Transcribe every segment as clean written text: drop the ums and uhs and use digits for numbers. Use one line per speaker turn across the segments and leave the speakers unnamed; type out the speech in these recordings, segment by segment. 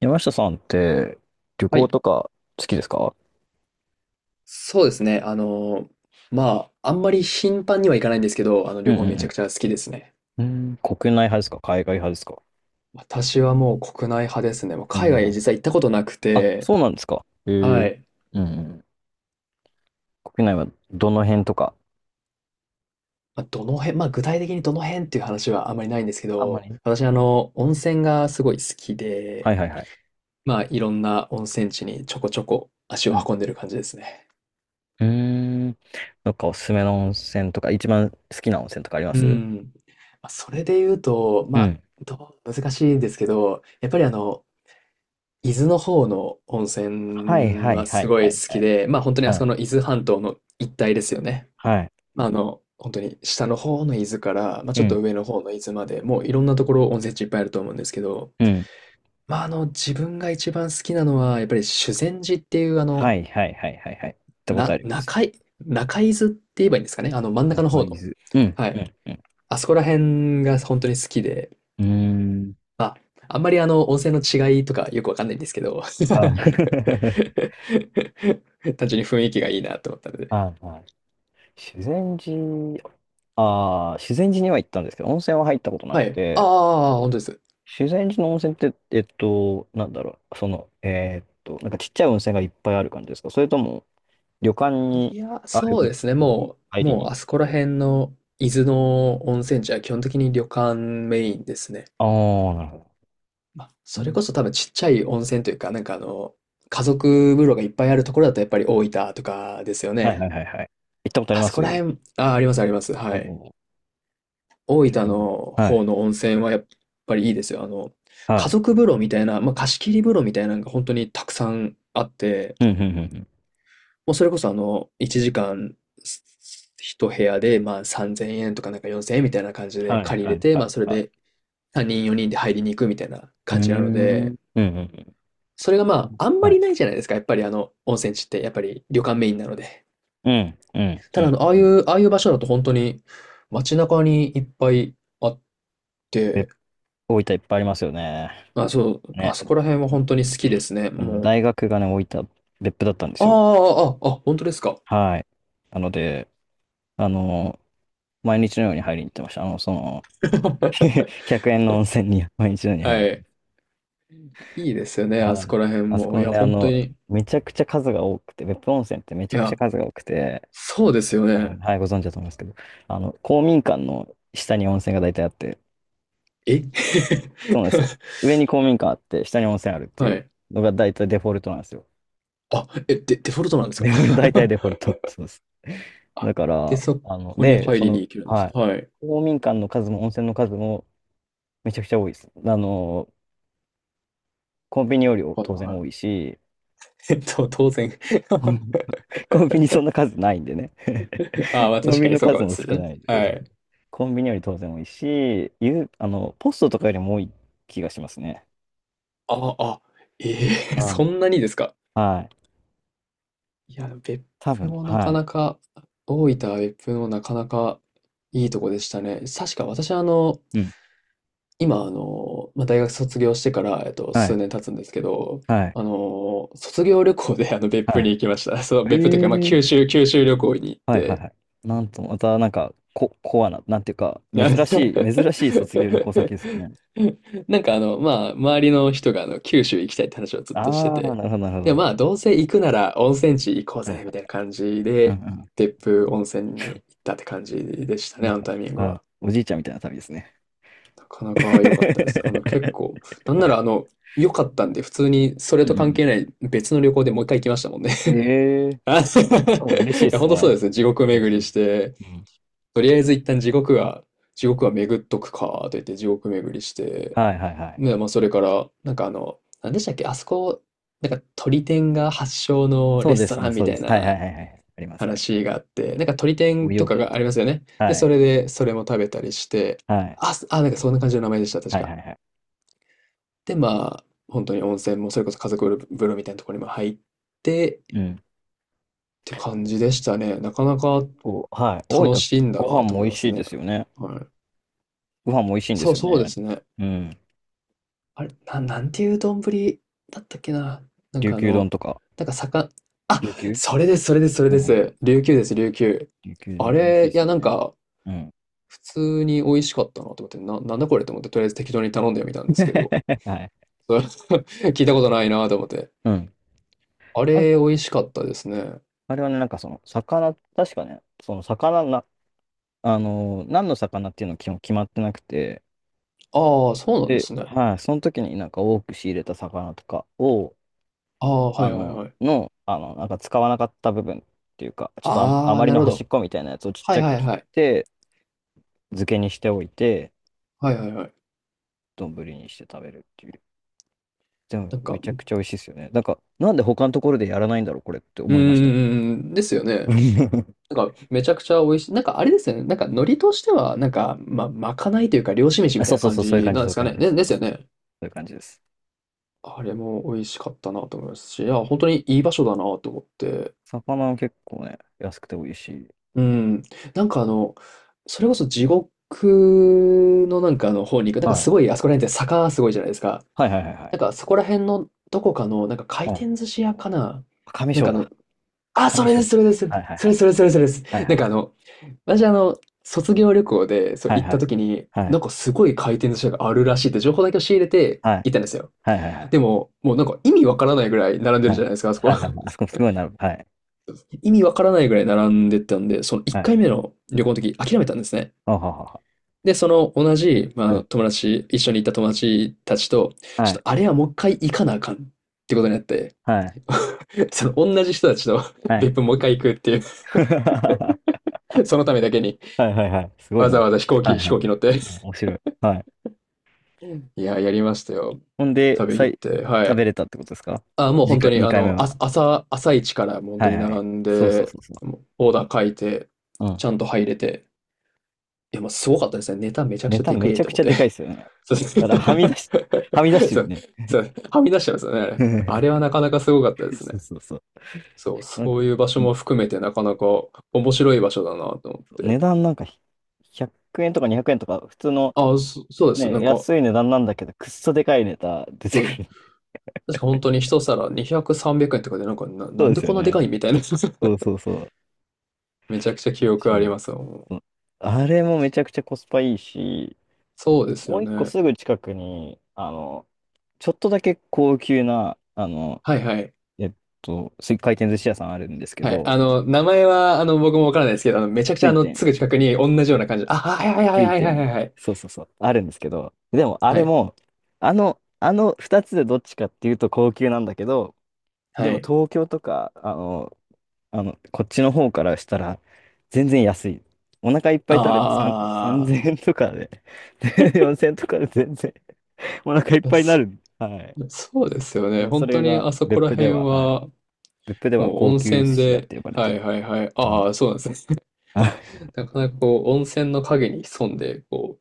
山下さんって旅
は
行
い。
とか好きですか？
そうですね。あんまり頻繁には行かないんですけど、
うん
旅
う
行めち
ん。
ゃくちゃ好きですね。
うん、うん、国内派ですか海外派ですか？
私はもう国内派ですね。もう
国
海
内
外
派。
実際行ったことなく
あ、
て、
そうなんですか。へえ。う
は
ん
い。
うん。国内はどの辺とか。
まあ、どの辺、まあ、具体的にどの辺っていう話はあんまりないんですけ
あんま
ど、
り。
私、温泉がすごい好き
は
で、
いはいはい。
まあ、いろんな温泉地にちょこちょこ足
う
を
ん。
運んでる感じですね。
うーん。どっかおすすめの温泉とか、一番好きな温泉とかありま
う
す？
ん。まあそれで言うと、
う
まあ、
ん。
どう難しいんですけど、やっぱり伊豆の方の温
はい
泉
はい
は
は
す
い
ごい
はい
好
は
き
い。
で、まあ本当にあ
は
そこ
い
の伊豆半島の一帯ですよね。
はい。
本当に下の方の伊豆から、まあ
う
ちょっと
ん。
上の方の伊豆まで、もういろんなところ温泉地いっぱいあると思うんですけど、
うん。
自分が一番好きなのは、やっぱり修善寺っていうあの、
はいはいはいはいはい。行ったことあ
な、
ります。
中い、中伊豆って言えばいいんですかね。あの真ん中の
中
方
伊
の。
豆。うん。
は
う
い。
ん。うん。
あそこら辺が本当に好きで、
うーん。
あ、あんまり温泉の違いとかよくわかんないんですけど、
はい。
単純に雰囲気がいいなと思ったので。
はいはい、修善寺、ああ、修善寺には行ったんですけど、温泉は入ったことな
は
く
い。あ
て、
あ、本当です。
修善寺の温泉って、なんかちっちゃい温泉がいっぱいある感じですか、それとも、旅館
い
に
や、
ある
そう
温
ですね。
泉に
も
入
う、
り
もう
に
あ
行
そ
く。
こら辺の伊豆の温泉地は基本的に旅館メインですね。
ああー、なるほど。
まあ、
う
それ
ん、
こそ多分ちっちゃい温泉というか、家族風呂がいっぱいあるところだとやっぱり大分とかですよ
はいは
ね。
いはいはい。行ったことあり
あ
ま
そ
す？
こら辺、あ、あります。
お
はい。
お
大
ー。
分
うん、
の
は
方
い。
の温泉はやっぱりいいですよ。
は
家
い。
族風呂みたいな、まあ、貸し切り風呂みたいなのが本当にたくさんあって、
うんうんうんうん。
もうそれこそあの、1時間一部屋で、まあ、3000円とかなんか4000円みたいな感じで
はい
借り
は
れ
い
て、
は
まあ、
い
それ
は
で
い。
3人4人で入りに行くみたいな
うー
感
ん。
じなの
う
で、
んうん
それが
う
ま
ん。
あ、あんま
は
り
い。
ないじゃないですか。やっぱり温泉地って、やっぱり旅館メインなので。
うんうん
た
う
だあ
ん
の、ああ
う
い
ん。
う、ああいう場所だと本当に街中にいっぱいあっ
別
て、
府大分いっぱいありますよね。
あ、そう、あ
ね。
そこら辺は本当に好きですね。
あの
もう、
大学がね、置いた別府だったんですよ。
本当ですか。
はい。なので、あの、毎日のように入りに行ってました。1円の温泉に毎日のように入り
は
に行っ
い。
て。
いいですよね、あ
は
そ
い。
こら辺
あそ
も。い
こ
や、
ね、
本当に。
めちゃくちゃ数が多くて、別府温泉ってめち
い
ゃくちゃ
や、
数が多くて、
そうですよ
多分、
ね。
はい、ご存知だと思いますけど、あの、公民館の下に温泉が大体あって、
え
そうなんですよ。上に公民館あって、下に温泉あるって
は
いう
い。
のが大体デフォルトなんですよ。
あ、え、デフォルトなんです
デ
か？
フォルト、大体デフォルト。そうです。
あ、
だか
で、
ら、
そ
あの、
こに
で、
入
そ
りに
の、
行けるんです
はい。
ね。はい。
公民館の数も温泉の数もめちゃくちゃ多いです。あの、コンビニより
はい、
当然
は
多
い。
いし、
当然
コンビニそんな数ないんでね。
あ あ、まあ
コン
確
ビ
か
ニ
に
の
そうか
数
も
も
し
少
れない。
ないんで。そう
は
そうそう。
い。
コンビニより当然多いし、ゆ、あの、ポストとかよりも多い気がしますね。
ああ、ええ
あ
そんなにですか？
あ、はい。
いや、別
多
府
分、
もなか
は
なか、大分は別府もなかなかいいとこでしたね。確か私はあの、
い。うん。
今あの、まあ、大学卒業してから、
は
数
い。
年経つんですけど、
はい。
卒業旅行であの別
は
府に行き
い。
ました。そう、別府というか、まあ、
えー。
九州旅行に行っ
はいはい
て、
はい。なんと、またなんか、コアな、なんていうか、
な
珍しい卒業旅行先ですよね。
まあ、周りの人が九州行きたいって話をずっとして
ああ、
て、
なるほ
で、ま
ど。
あ、どうせ行くなら温泉地行こう
はいはい。
ぜ、みたいな感じ
う
で、
ん
別府温泉に行ったって感じでした
うん。
ね、
なん
あの
か、
タイミング
あ、
は。
おじいちゃんみたいな旅ですね。
なかな か良かったです。あの、結構、なんな
は
ら
い。
あの、良かったんで、普通にそれ
う
と関
ん
係ない別の旅行でもう一回行きましたもんね。
うん。ええー、
あ い
お、嬉しいで
や、
す
本当そう
ね。
ですね。地獄
嬉
巡
し
り
い。
して、
うん。
とりあえず一旦地獄は巡っとくか、と言って地獄巡りして、
はいはいはい。
ね、まあ、それから、なんでしたっけ、あそこ、なんか鳥天が発祥の
そ
レ
う
ス
で
ト
す
ラ
ね、
ンみ
そう
た
で
い
す。はいは
な
いはいはい。あります、ありま
話
す。
があって、なんか鳥
ご
天と
用
か
件
があ
と。
りますよね。で、
は
そ
い。
れで、それも食べたりして、
はい。
なんかそんな感じの名前でした、確
はいは
か。
いはい。
で、まあ、本当に温泉も、それこそ家族風呂みたいなところにも入って、
う
っ
ん。
て感じでしたね。なかなか
お、はい。大
楽
分、
しいんだ
ご飯
なと
も
思い
美
ま
味し
す
いで
ね。
すよね。
はい。
ご飯も美味しいんで
そ
す
う、
よ
そうで
ね。
すね。
うん。
あれ、なんていう丼だったっけな。なん
琉
かあ
球丼
の、
とか。
なんか魚。あ、
琉球、
それ
う
で
ん。
す。琉球です、琉球。
琉球
あ
丼美味しいで
れ、い
す
や、
よ
なん
ね。
か、
うん。
普通に美味しかったなと思って、なんだこれと思って、とりあえず適当に頼んでみたんですけど、
はい。
そう 聞いたことないなと思って。
うん。
あれ、美味しかったですね。
あれはね、なんかその、何の魚っていうの基本決まってなくて、
ああ、そうなんで
で、
すね。
はい、その時になんか多く仕入れた魚とかを、
ああ、は
あ
いはい
の、
はい。
の、あの、なんか使わなかった部分っていうか、ちょっとあ、あ
ああ、
まり
な
の
るほ
端
ど。
っこみたいなやつをちっ
は
ち
い
ゃく
はい
切っ
はい。
て、漬けにしておいて、
はいはいはい。
丼にして食べるっていう。でも、
なん
め
か、
ちゃくちゃ美味しいですよね。なんか、なんで他のところでやらないんだろう、これって
うん、
思いました。
ですよね。なんか、めちゃくちゃ美味しい。なんか、あれですよね。なんか、海苔としては、なんか、まあ、まかないというか、漁師飯
あ、
みたいな感
そういう
じ
感じ、
なん
そ
で
ういう
すか
感
ね。
じです。
ね、ですよ
そ
ね。
ういう感じです。
あれも美味しかったなと思いますし、いや、本当にいい場所だなと思って。
魚は結構ね、安くて美味しい。
うん。なんか、あの、それこそ地獄のなんかあの方に行く。なんか、
は
すご
い。
い、あそこら辺って坂すごいじゃないですか。
はいはいはいは
な
い。
んか、そこら辺のどこかの、なんか、回
はい。
転寿司屋かな。
上
なん
章
かあ
だ。
の、あ、
上章。はいはい
そ
は
れ
い。
それそれそれです。
はいはい
なん
は
か
い。
あの、私、卒業旅行で、そう、
はい
行っ
は
た
い。
時に、なんかすごい回転寿司屋があるらしいって情報だけを仕入れて
はい
行ったんですよ。
はいはい。
でも、もうなんか意味わからないぐらい並んで
は
るじゃ
い。
ないですか、あそ
は
こ。
いはいはい。あそこ すごいなる。はい。
意味わからないぐらい並んでたんで、その1
はい。
回目の旅行の時諦めたんですね。
あははは。
で、その同じ、まあ、あ
う
の
ん、
友達、一緒に行った友達たちと、ち
は
ょ
い。
っとあれはもう一回行かなあかんってことになって、
はい。
その同じ人たちと
はい。
別府もう一回行くってい う、そのためだけに
はいはいはい。すごい
わ
な。
ざわざ
はい
飛
は
行機乗って
い。うん、面白い。はい。
いや、やりましたよ。
ほんで、
旅行
さ
っ
い、
て。は
食
い。
べれたってことですか、
あ、もう
次
本当
回、
に、
2回目は？
朝一からもう本当
はい
に
は
並
い。
ん
そうそう
で、
そうそ
もうオーダー書いて、
う。う
ち
ん。
ゃんと入れて。いや、もうすごかったですね。ネタめちゃく
ネ
ちゃ
タ
でけ
めち
え
ゃ
と
く
思
ち
っ
ゃ
て。
でかいですよね。
そうです
だからはみ出し、はみ出して
そ
る
う、
ね。
そう、はみ出してますよね。あれは なかなかすごかったです
そ
ね。
うそうそう。
そう、
なんか、
そう
ん
いう場所も含めてなかなか面白い場所だなと思って。
値段なんか、100円とか200円とか、普通の
そうです。
ね、
なんか、
安い値段なんだけど、くっそでかいネタ出
そ
て
う、
くる。
確か本当に一皿200、300円とかで、
そう
な
で
んで
すよ
こんなで
ね。
かいみたいな。
そうそうそう。
めちゃくちゃ記
面
憶あ
白
り
い。
ますわもう。
そう、あれもめちゃくちゃコスパいいし、
そうです
も
よ
う一個
ね。
すぐ近くに、あの、ちょっとだけ高級な、あの、
はいはい。
えっ回転寿司屋さんあるんですけ
はい。
ど、
あの、名前は、あの、僕もわからないですけど、あの、めちゃくちゃ、
水
あの、
天。
すぐ近くに同じような感じ。あ、はいはいは
つ
い
い
はい
て
はい
ん
は
ね、
いはい。
そうそうそう。あるんですけど。でも、あ
は
れ
い。
も、あの、あの二つでどっちかっていうと高級なんだけど、で
は
も
い。
東京とか、あの、こっちの方からしたら、全然安い。お腹いっぱ
あ
い食べて3、
あ。
3000円とかで、で4000円とかで全然お腹いっ
いや
ぱいにな
そ
る。はい。
そうですよ
だ
ね。
からそ
本当
れ
に
が
あそこ
別
ら
府で
辺
は、はい。
は、
別府では
もう
高
温
級寿
泉
司屋っ
で、
て呼ばれ
は
て
い
る。
はいはい。
うん。
ああ、そうなんですね。
あ、
なかなかこう、温泉の影に潜んで、こ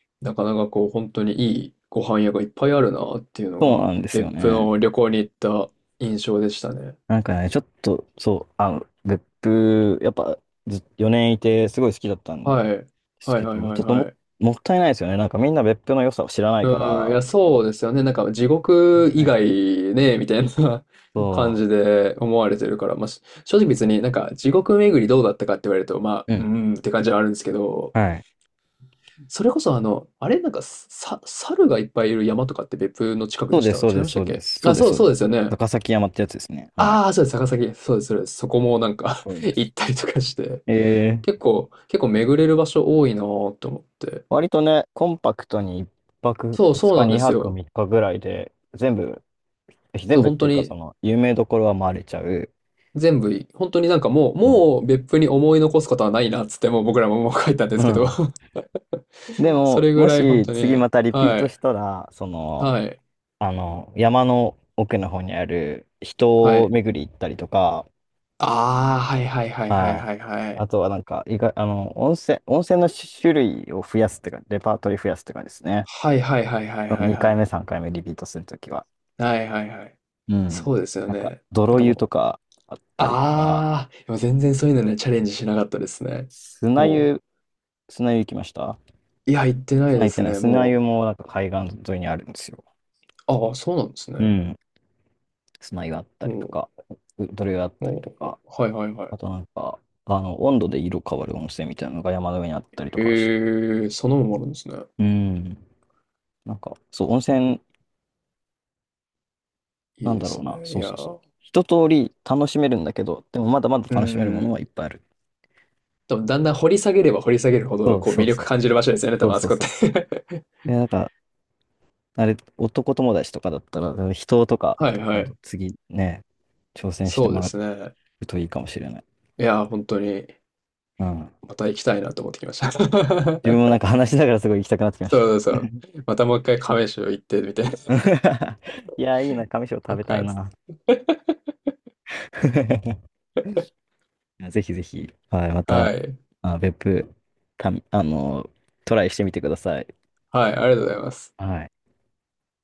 う、なかなかこう、本当にいいご飯屋がいっぱいあるなっていうの
そう
が、
なんですよ
別府
ね。
の旅行に行った印象でしたね。
なんかね、ちょっと、そう、あ、別府、やっぱ、ず、4年いて、すごい好きだったんで
はい。
す
はい
け
はい
ど、
はい
ちょっと
は
も、
い。
もったいないですよね。なんかみんな別府の良さを知らないから、
うん、いや、
もっ
そうですよね。なんか、地
たい
獄以
ない
外
ね。
ね、みたいな 感
そ
じで思われてるから、まあ、正直別になんか、地獄巡りどうだったかって言われると、まあ、
う、う
うー
ん、
んって感じはあるんですけど、
はい。
それこそあの、あれなんか、猿がいっぱいいる山とかって別府の近く
そ
で
う
し
です、
た違いましたっけ？あ、そう、
そうで
そうで
す。
すよね。
高崎山ってやつですね。はい。
ああ、そうです、高崎そうです、そうです。そこもなんか
こういう んで
行っ
す。
たりとかして、
えー、
結構巡れる場所多いなーって思って。
割とね、コンパクトに1泊
そう、
2
そう
日、
なんです
2泊
よ。
3日ぐらいで、
そ
全
う、
部、っ
本
て
当
いうか、そ
に、
の、有名どころは回れちゃう。
全部いい、本当になんかもう、
も
もう別府に思い残すことはないなっつって、もう僕らももう書いたんで
う、う
すけど
ん、で
そ
も、
れぐ
も
らい本
し
当
次
に、
またリピートしたら、
はい、
山の奥の方にある
は
人を
い。
巡り行ったりとか、
ああ、はいはいはいはい
はい。
はいはい。
あとはなんか、意外、あの、温泉の種類を増やすっていうか、レパートリー増やすっていうかですね。
はいはいはいはい
その
はいは
2回目、
い。
3回目リピートするときは。
はいはいはい。
うん。
そうですよ
なんか、
ね。なん
泥
か
湯と
もう、
かあったりとか、
ああ、でも全然そういうのね、チャレンジしなかったですね。
砂
も
湯、砂湯行きました？
う、いや、行ってないですね。
砂湯
も
もなんか海岸沿いにあるんですよ。
う、ああ、そうなんです
う
ね。
ん。砂湯あったりと
も
か、泥湯あっ
う、
たりと
もう、
か。
はいはいはい。
あとなんか、あの、温度で色変わる温泉みたいなのが山の上にあったりとかして。
へえ、そのもあるんですね。
うん。なんか、そう、温泉、
い
な
い
ん
で
だろう
す
な。
ね。い
そう
や
そうそう。
ー、
一通り楽しめるんだけど、でもまだまだ
う
楽しめるものは
ん。
いっぱいある。
でもだんだん掘り下げれば掘り下げるほ
そ
ど、
う
こう、
そ
魅
うそ
力
う。
感じる場所ですよね、多
そ
分
う
あ
そ
そ
う
こって。
そ う。いや、なんか、男友達とかだったら、人とか、
はいは
今度
い。
次ね、挑戦して
そう
も
で
ら
すね。
うといいかもしれない。
いやー、本当に、
うん。
また行きたいなと思ってきました。
自分もなんか話しながらすごい行きたくなってきました。
そうそう そう。またもう一回亀州行ってみて。
いや、いいな、上庄食
なん
べたい
かつっ
な。
て
いや、ぜひぜひ、はい、また、
はい。
あ、別府、た、あの、トライしてみてください。
はい、ありがとうございます。
はい。